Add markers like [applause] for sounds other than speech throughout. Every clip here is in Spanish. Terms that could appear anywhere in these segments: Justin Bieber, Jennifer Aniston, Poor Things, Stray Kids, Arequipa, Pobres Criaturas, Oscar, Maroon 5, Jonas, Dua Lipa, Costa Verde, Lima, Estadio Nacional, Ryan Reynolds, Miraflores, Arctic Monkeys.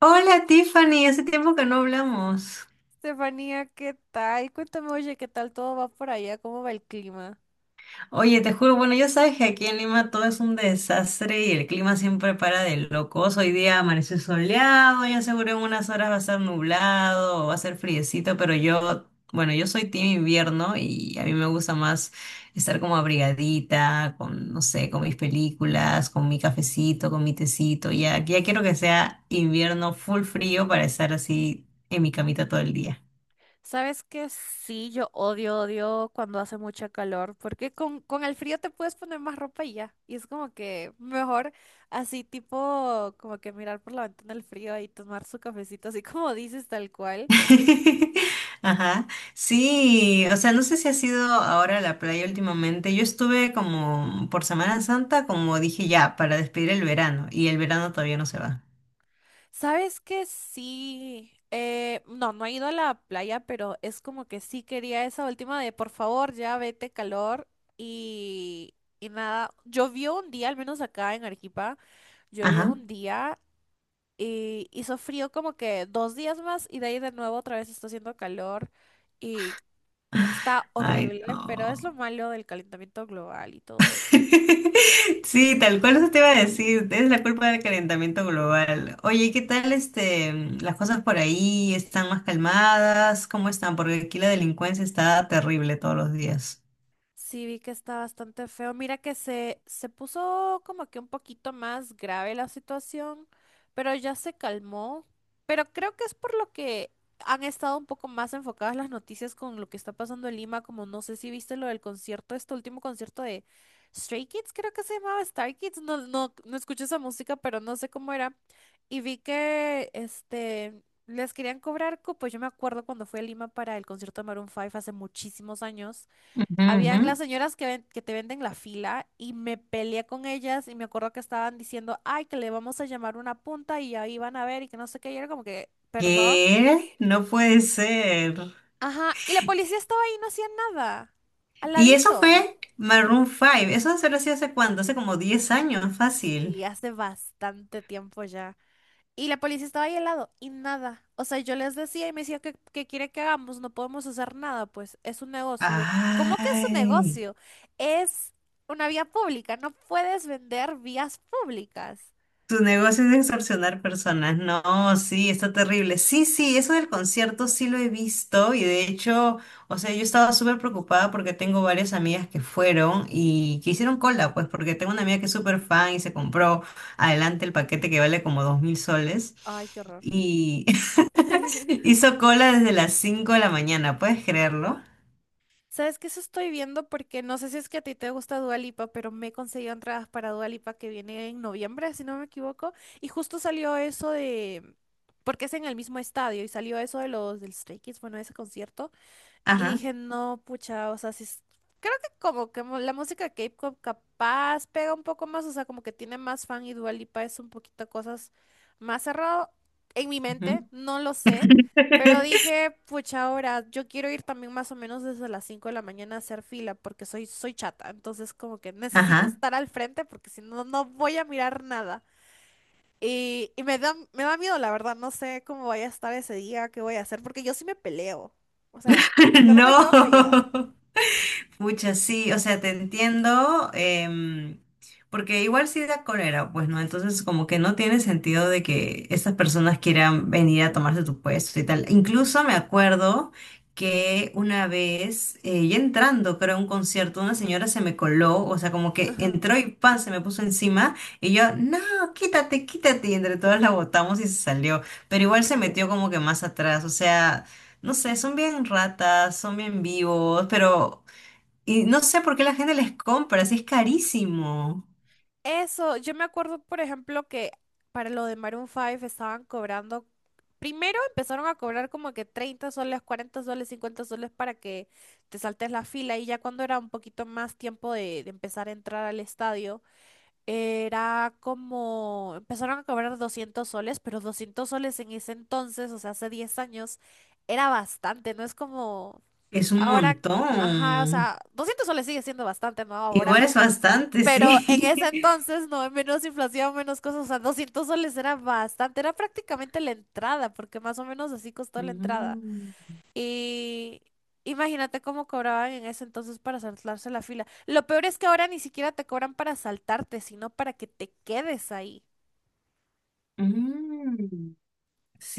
Hola Tiffany, hace tiempo que no hablamos. Estefanía, ¿qué tal? Cuéntame, oye, ¿qué tal todo va por allá? ¿Cómo va el clima? Oye, te juro, bueno, ya sabes que aquí en Lima todo es un desastre y el clima siempre para de locos. Hoy día amaneció soleado, ya seguro en unas horas va a ser nublado, va a ser friecito, pero bueno, yo soy team invierno y a mí me gusta más estar como abrigadita, con, no sé, con mis películas, con mi cafecito, con mi tecito. Ya, ya quiero que sea invierno full frío para estar así en mi camita todo el día. Sabes que sí, yo odio, odio cuando hace mucha calor, porque con el frío te puedes poner más ropa y ya. Y es como que mejor así tipo, como que mirar por la ventana el frío y tomar su cafecito, así como dices tal cual. [laughs] Ajá. Sí, o sea, no sé si has ido ahora a la playa últimamente. Yo estuve como por Semana Santa, como dije ya, para despedir el verano, y el verano todavía no se va. ¿Sabes qué? Sí. No, no he ido a la playa, pero es como que sí quería esa última de por favor, ya vete calor y, y nada. Llovió un día, al menos acá en Arequipa, llovió Ajá. un día y hizo frío como que dos días más y de ahí de nuevo otra vez está haciendo calor y está Ay, horrible, pero es lo no. malo del calentamiento global y todo. [laughs] Sí, tal cual eso te iba a decir, es la culpa del calentamiento global. Oye, ¿qué tal las cosas por ahí? ¿Están más calmadas? ¿Cómo están? Porque aquí la delincuencia está terrible todos los días. Sí, vi que está bastante feo. Mira que se puso como que un poquito más grave la situación, pero ya se calmó. Pero creo que es por lo que han estado un poco más enfocadas las noticias con lo que está pasando en Lima, como no sé si viste lo del concierto, este último concierto de Stray Kids, creo que se llamaba Star Kids. No, no, no escuché esa música, pero no sé cómo era. Y vi que les querían cobrar cupos. Yo me acuerdo cuando fui a Lima para el concierto de Maroon 5 hace muchísimos años. Ujú, ujú. Habían las señoras que te venden la fila y me peleé con ellas y me acuerdo que estaban diciendo, ay, que le vamos a llamar una punta y ahí van a ver y que no sé qué. Y era como que, perdón. ¿Qué? No puede ser. Ajá, y la policía estaba ahí, no hacía nada. Al Y eso ladito. fue Maroon 5. Eso se lo hacía hace cuánto, hace como 10 años, fácil. Sí, hace bastante tiempo ya. Y la policía estaba ahí al lado y nada. O sea, yo les decía y me decía, ¿qué quiere que hagamos? No podemos hacer nada, pues es un negocio. Y yo, ¿cómo que es un Ay, negocio? Es una vía pública, no puedes vender vías públicas. tu negocio es de extorsionar personas. No, sí, está terrible. Sí, sí, eso del concierto sí lo he visto y de hecho, o sea, yo estaba súper preocupada porque tengo varias amigas que fueron y que hicieron cola, pues porque tengo una amiga que es súper fan y se compró adelante el paquete que vale como 2000 soles Ay, qué horror. y [laughs] [laughs] hizo cola desde las 5 de la mañana, ¿puedes creerlo? ¿Sabes qué? Eso estoy viendo porque no sé si es que a ti te gusta Dua Lipa, pero me he conseguido entradas para Dua Lipa que viene en noviembre, si no me equivoco. Y justo salió eso porque es en el mismo estadio y salió eso de los del Stray Kids, bueno, ese concierto. Y Ajá. dije, no, pucha, o sea, sí, creo que como que la música K-pop capaz pega un poco más, o sea, como que tiene más fan y Dua Lipa es un poquito cosas más cerrado en mi mente, no lo sé, pero [laughs] dije, pucha, ahora yo quiero ir también más o menos desde las 5 de la mañana a hacer fila porque soy chata, entonces como que necesito Ajá. estar al frente porque si no, no voy a mirar nada. Y me da miedo, la verdad, no sé cómo voy a estar ese día, qué voy a hacer, porque yo sí me peleo. O sea, [laughs] yo no me No. quedo callada. Muchas sí, o sea, te entiendo, porque igual sí da cólera, pues no, entonces como que no tiene sentido de que estas personas quieran venir a tomarse tu puesto y tal. Incluso me acuerdo que una vez, ya entrando, creo, a un concierto, una señora se me coló, o sea, como que Ajá. entró y pan, se me puso encima y yo, no, quítate, quítate, y entre todas la botamos y se salió, pero igual se metió como que más atrás, o sea. No sé, son bien ratas, son bien vivos, pero y no sé por qué la gente les compra, si es carísimo. Eso, yo me acuerdo, por ejemplo, que para lo de Maroon 5 estaban cobrando, primero empezaron a cobrar como que 30 soles, 40 soles, 50 soles para que te saltes la fila y ya cuando era un poquito más tiempo de empezar a entrar al estadio, era como, empezaron a cobrar 200 soles, pero 200 soles en ese entonces, o sea, hace 10 años, era bastante, no es como Es un ahora, ajá, o montón. sea, 200 soles sigue siendo bastante, ¿no? Ahora, Igual es bastante, pero en ese sí. [laughs] entonces, no, menos inflación, menos cosas, o sea, 200 soles era bastante, era prácticamente la entrada, porque más o menos así costó la entrada. Mm, Y imagínate cómo cobraban en ese entonces para saltarse la fila. Lo peor es que ahora ni siquiera te cobran para saltarte, sino para que te quedes ahí. mm.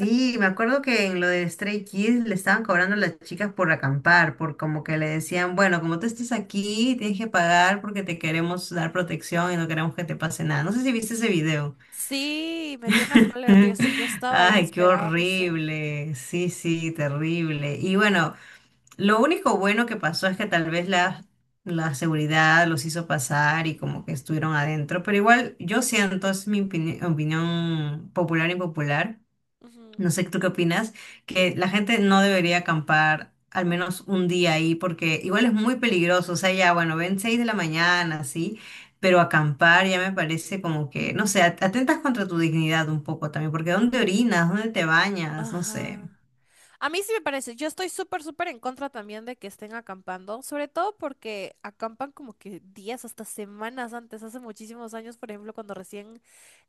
En- me acuerdo que en lo de Stray Kids le estaban cobrando a las chicas por acampar, por como que le decían, bueno, como tú estés aquí, tienes que pagar porque te queremos dar protección y no queremos que te pase nada. No sé si viste ese video. Sí, me dio una [laughs] cólera, tío. Si yo estaba ahí, Ay, les qué pegaba, no sé. horrible. Sí, sí, terrible. Y bueno. Lo único bueno que pasó es que tal vez la seguridad los hizo pasar y como que estuvieron adentro, pero igual yo siento, es mi opinión popular y popular, Ujú. no sé tú qué opinas, que la gente no debería acampar al menos un día ahí porque igual es muy peligroso, o sea, ya bueno, ven 6 de la mañana, sí, pero acampar ya me parece como que, no sé, atentas contra tu dignidad un poco también, porque ¿dónde orinas? ¿Dónde te bañas? No sé. Ajá. A mí sí me parece, yo estoy súper, súper en contra también de que estén acampando, sobre todo porque acampan como que días, hasta semanas antes, hace muchísimos años, por ejemplo, cuando recién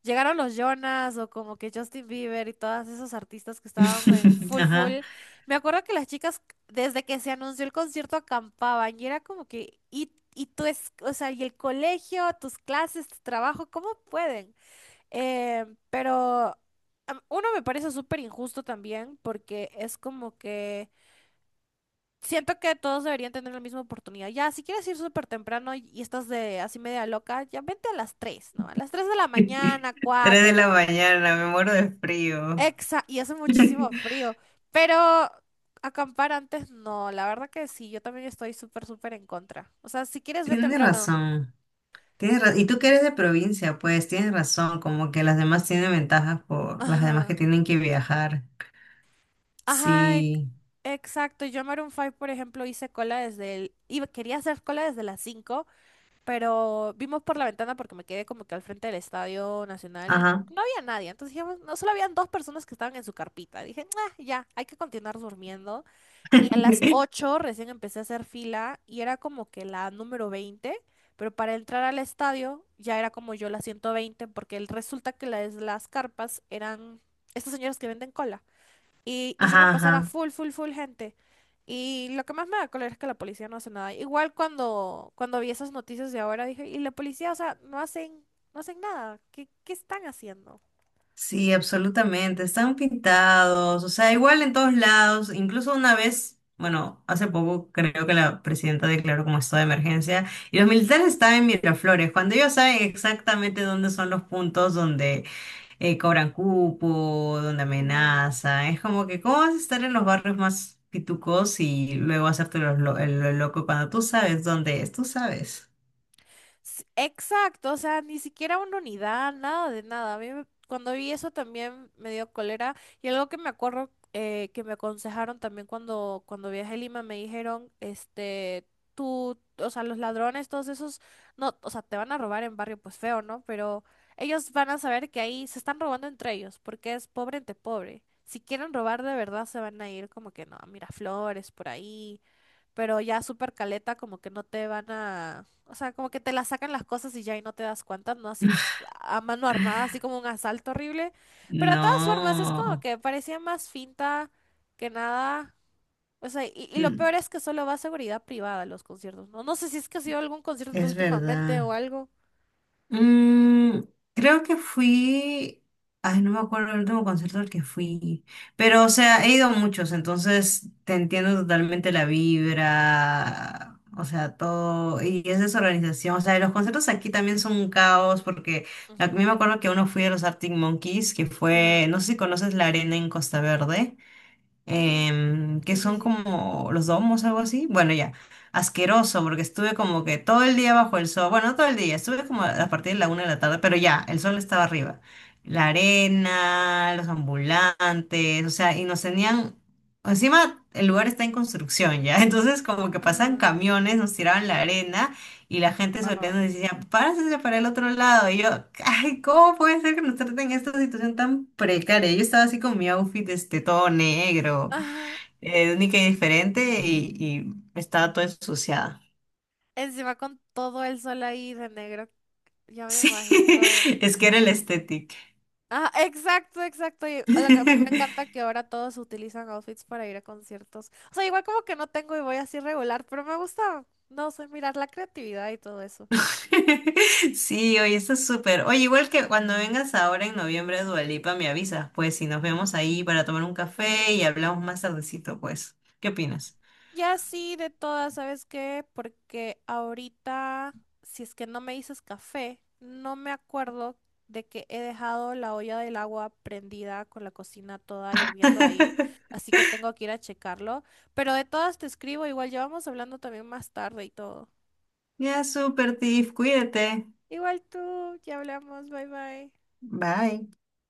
llegaron los Jonas o como que Justin Bieber y todos esos artistas que estaban en [laughs] full, full. Ajá. Me acuerdo que las chicas, desde que se anunció el concierto, acampaban y era como que, y tú es, o sea, y el colegio, tus clases, tu trabajo, ¿cómo pueden? Pero uno me parece súper injusto también porque es como que siento que todos deberían tener la misma oportunidad. Ya, si quieres ir súper temprano y estás de así media loca, ya vente a las 3, ¿no? A las 3 de la mañana, [laughs] Tres de la 4. mañana, me muero de frío. Y hace [laughs] muchísimo frío. Pero acampar antes, no, la verdad que sí, yo también estoy súper, súper en contra. O sea, si quieres, ve Tienes temprano. razón. Y tú que eres de provincia, pues tienes razón, como que las demás tienen ventajas por las demás que Ajá. tienen que viajar. Ajá, Sí, exacto. Yo en Maroon 5, por ejemplo, hice cola desde el... Iba, quería hacer cola desde las 5, pero vimos por la ventana porque me quedé como que al frente del Estadio Nacional y ajá. no había nadie. Entonces dijimos, no, solo habían dos personas que estaban en su carpita. Dije: "Ah, ya, hay que continuar durmiendo." Y a las [laughs] 8 recién empecé a hacer fila y era como que la número 20, pero para entrar al estadio ya era como yo la 120 porque resulta que las carpas eran... Estos señores que venden cola y hicieron Ajá, pasar a ajá. full, full, full gente. Y lo que más me da cólera es que la policía no hace nada. Igual cuando vi esas noticias de ahora dije, y la policía, o sea, no hacen nada. ¿Qué están haciendo? Sí, absolutamente. Están pintados, o sea, igual en todos lados. Incluso una vez, bueno, hace poco creo que la presidenta declaró como estado de emergencia y los militares estaban en Miraflores, cuando ellos saben exactamente dónde son los puntos donde cobran cupo, donde Ajá. amenazan. Es como que, ¿cómo vas a estar en los barrios más pitucos y luego hacerte los el lo loco cuando tú sabes dónde es? Tú sabes. Exacto, o sea, ni siquiera una unidad, nada de nada. A mí cuando vi eso también me dio cólera y algo que me acuerdo que me aconsejaron también cuando viajé a Lima me dijeron, tú, o sea, los ladrones, todos esos, no, o sea, te van a robar en barrio pues feo, ¿no? Pero ellos van a saber que ahí se están robando entre ellos porque es pobre entre pobre. Si quieren robar de verdad se van a ir como que no, a Miraflores, por ahí, pero ya súper caleta, como que no te van a, o sea, como que te la sacan las cosas y ya y no te das cuenta, ¿no? Así a mano armada, así como un asalto horrible. Pero de todas formas, es como No, que parecía más finta que nada. O sea, y lo mm, peor es que solo va a seguridad privada a los conciertos, ¿no? No sé si es que ha sido algún concierto es últimamente o verdad. algo. Mm, creo que fui, ay, no me acuerdo el último concierto al que fui, pero o sea, he ido a muchos, entonces te entiendo totalmente la vibra, o sea, todo, y es desorganización, o sea, los conciertos aquí también son un caos, porque a mí Ujú. me acuerdo que uno fui a los Arctic Monkeys, que Ajá. fue, no sé si conoces la arena en Costa Verde Ujú. Que Sí, sí, son sí. como los domos, algo así. Bueno, ya, asqueroso, porque estuve como que todo el día bajo el sol, bueno, no todo el día, estuve como a partir de la 1 de la tarde, pero ya, el sol estaba arriba. La arena, los ambulantes, o sea, y nos tenían, encima el lugar está en construcción ya, [laughs] entonces como que pasan Ajá. camiones, nos tiraban la arena y la gente Ah. sonriendo decía, párese para el otro lado. Y yo, ay, ¿cómo puede ser que nos traten en esta situación tan precaria? Yo estaba así con mi outfit, todo negro, Ajá. Única y diferente, y estaba toda ensuciada. [laughs] Encima con todo el sol ahí de negro. Ya me Sí, imagino. es que era el estético. Ah, exacto, exacto. Y lo que a mí me encanta [laughs] que ahora todos utilizan outfits para ir a conciertos. O sea, igual como que no tengo y voy así regular, pero me gusta, no sé, mirar la creatividad y todo eso. Sí, oye, está súper. Oye, igual que cuando vengas ahora en noviembre a Dua Lipa, me avisas, pues, si nos vemos ahí para tomar un café y hablamos más tardecito, pues. ¿Qué opinas? Ya sí, de todas, ¿sabes qué? Porque ahorita, si es que no me dices café, no me acuerdo de que he dejado la olla del agua prendida con la cocina toda hirviendo ahí, [laughs] así que tengo que ir a checarlo. Pero de todas te escribo, igual ya vamos hablando también más tarde y todo. Ya, súper, Tiff, cuídate. Igual tú, ya hablamos, bye bye. Bye.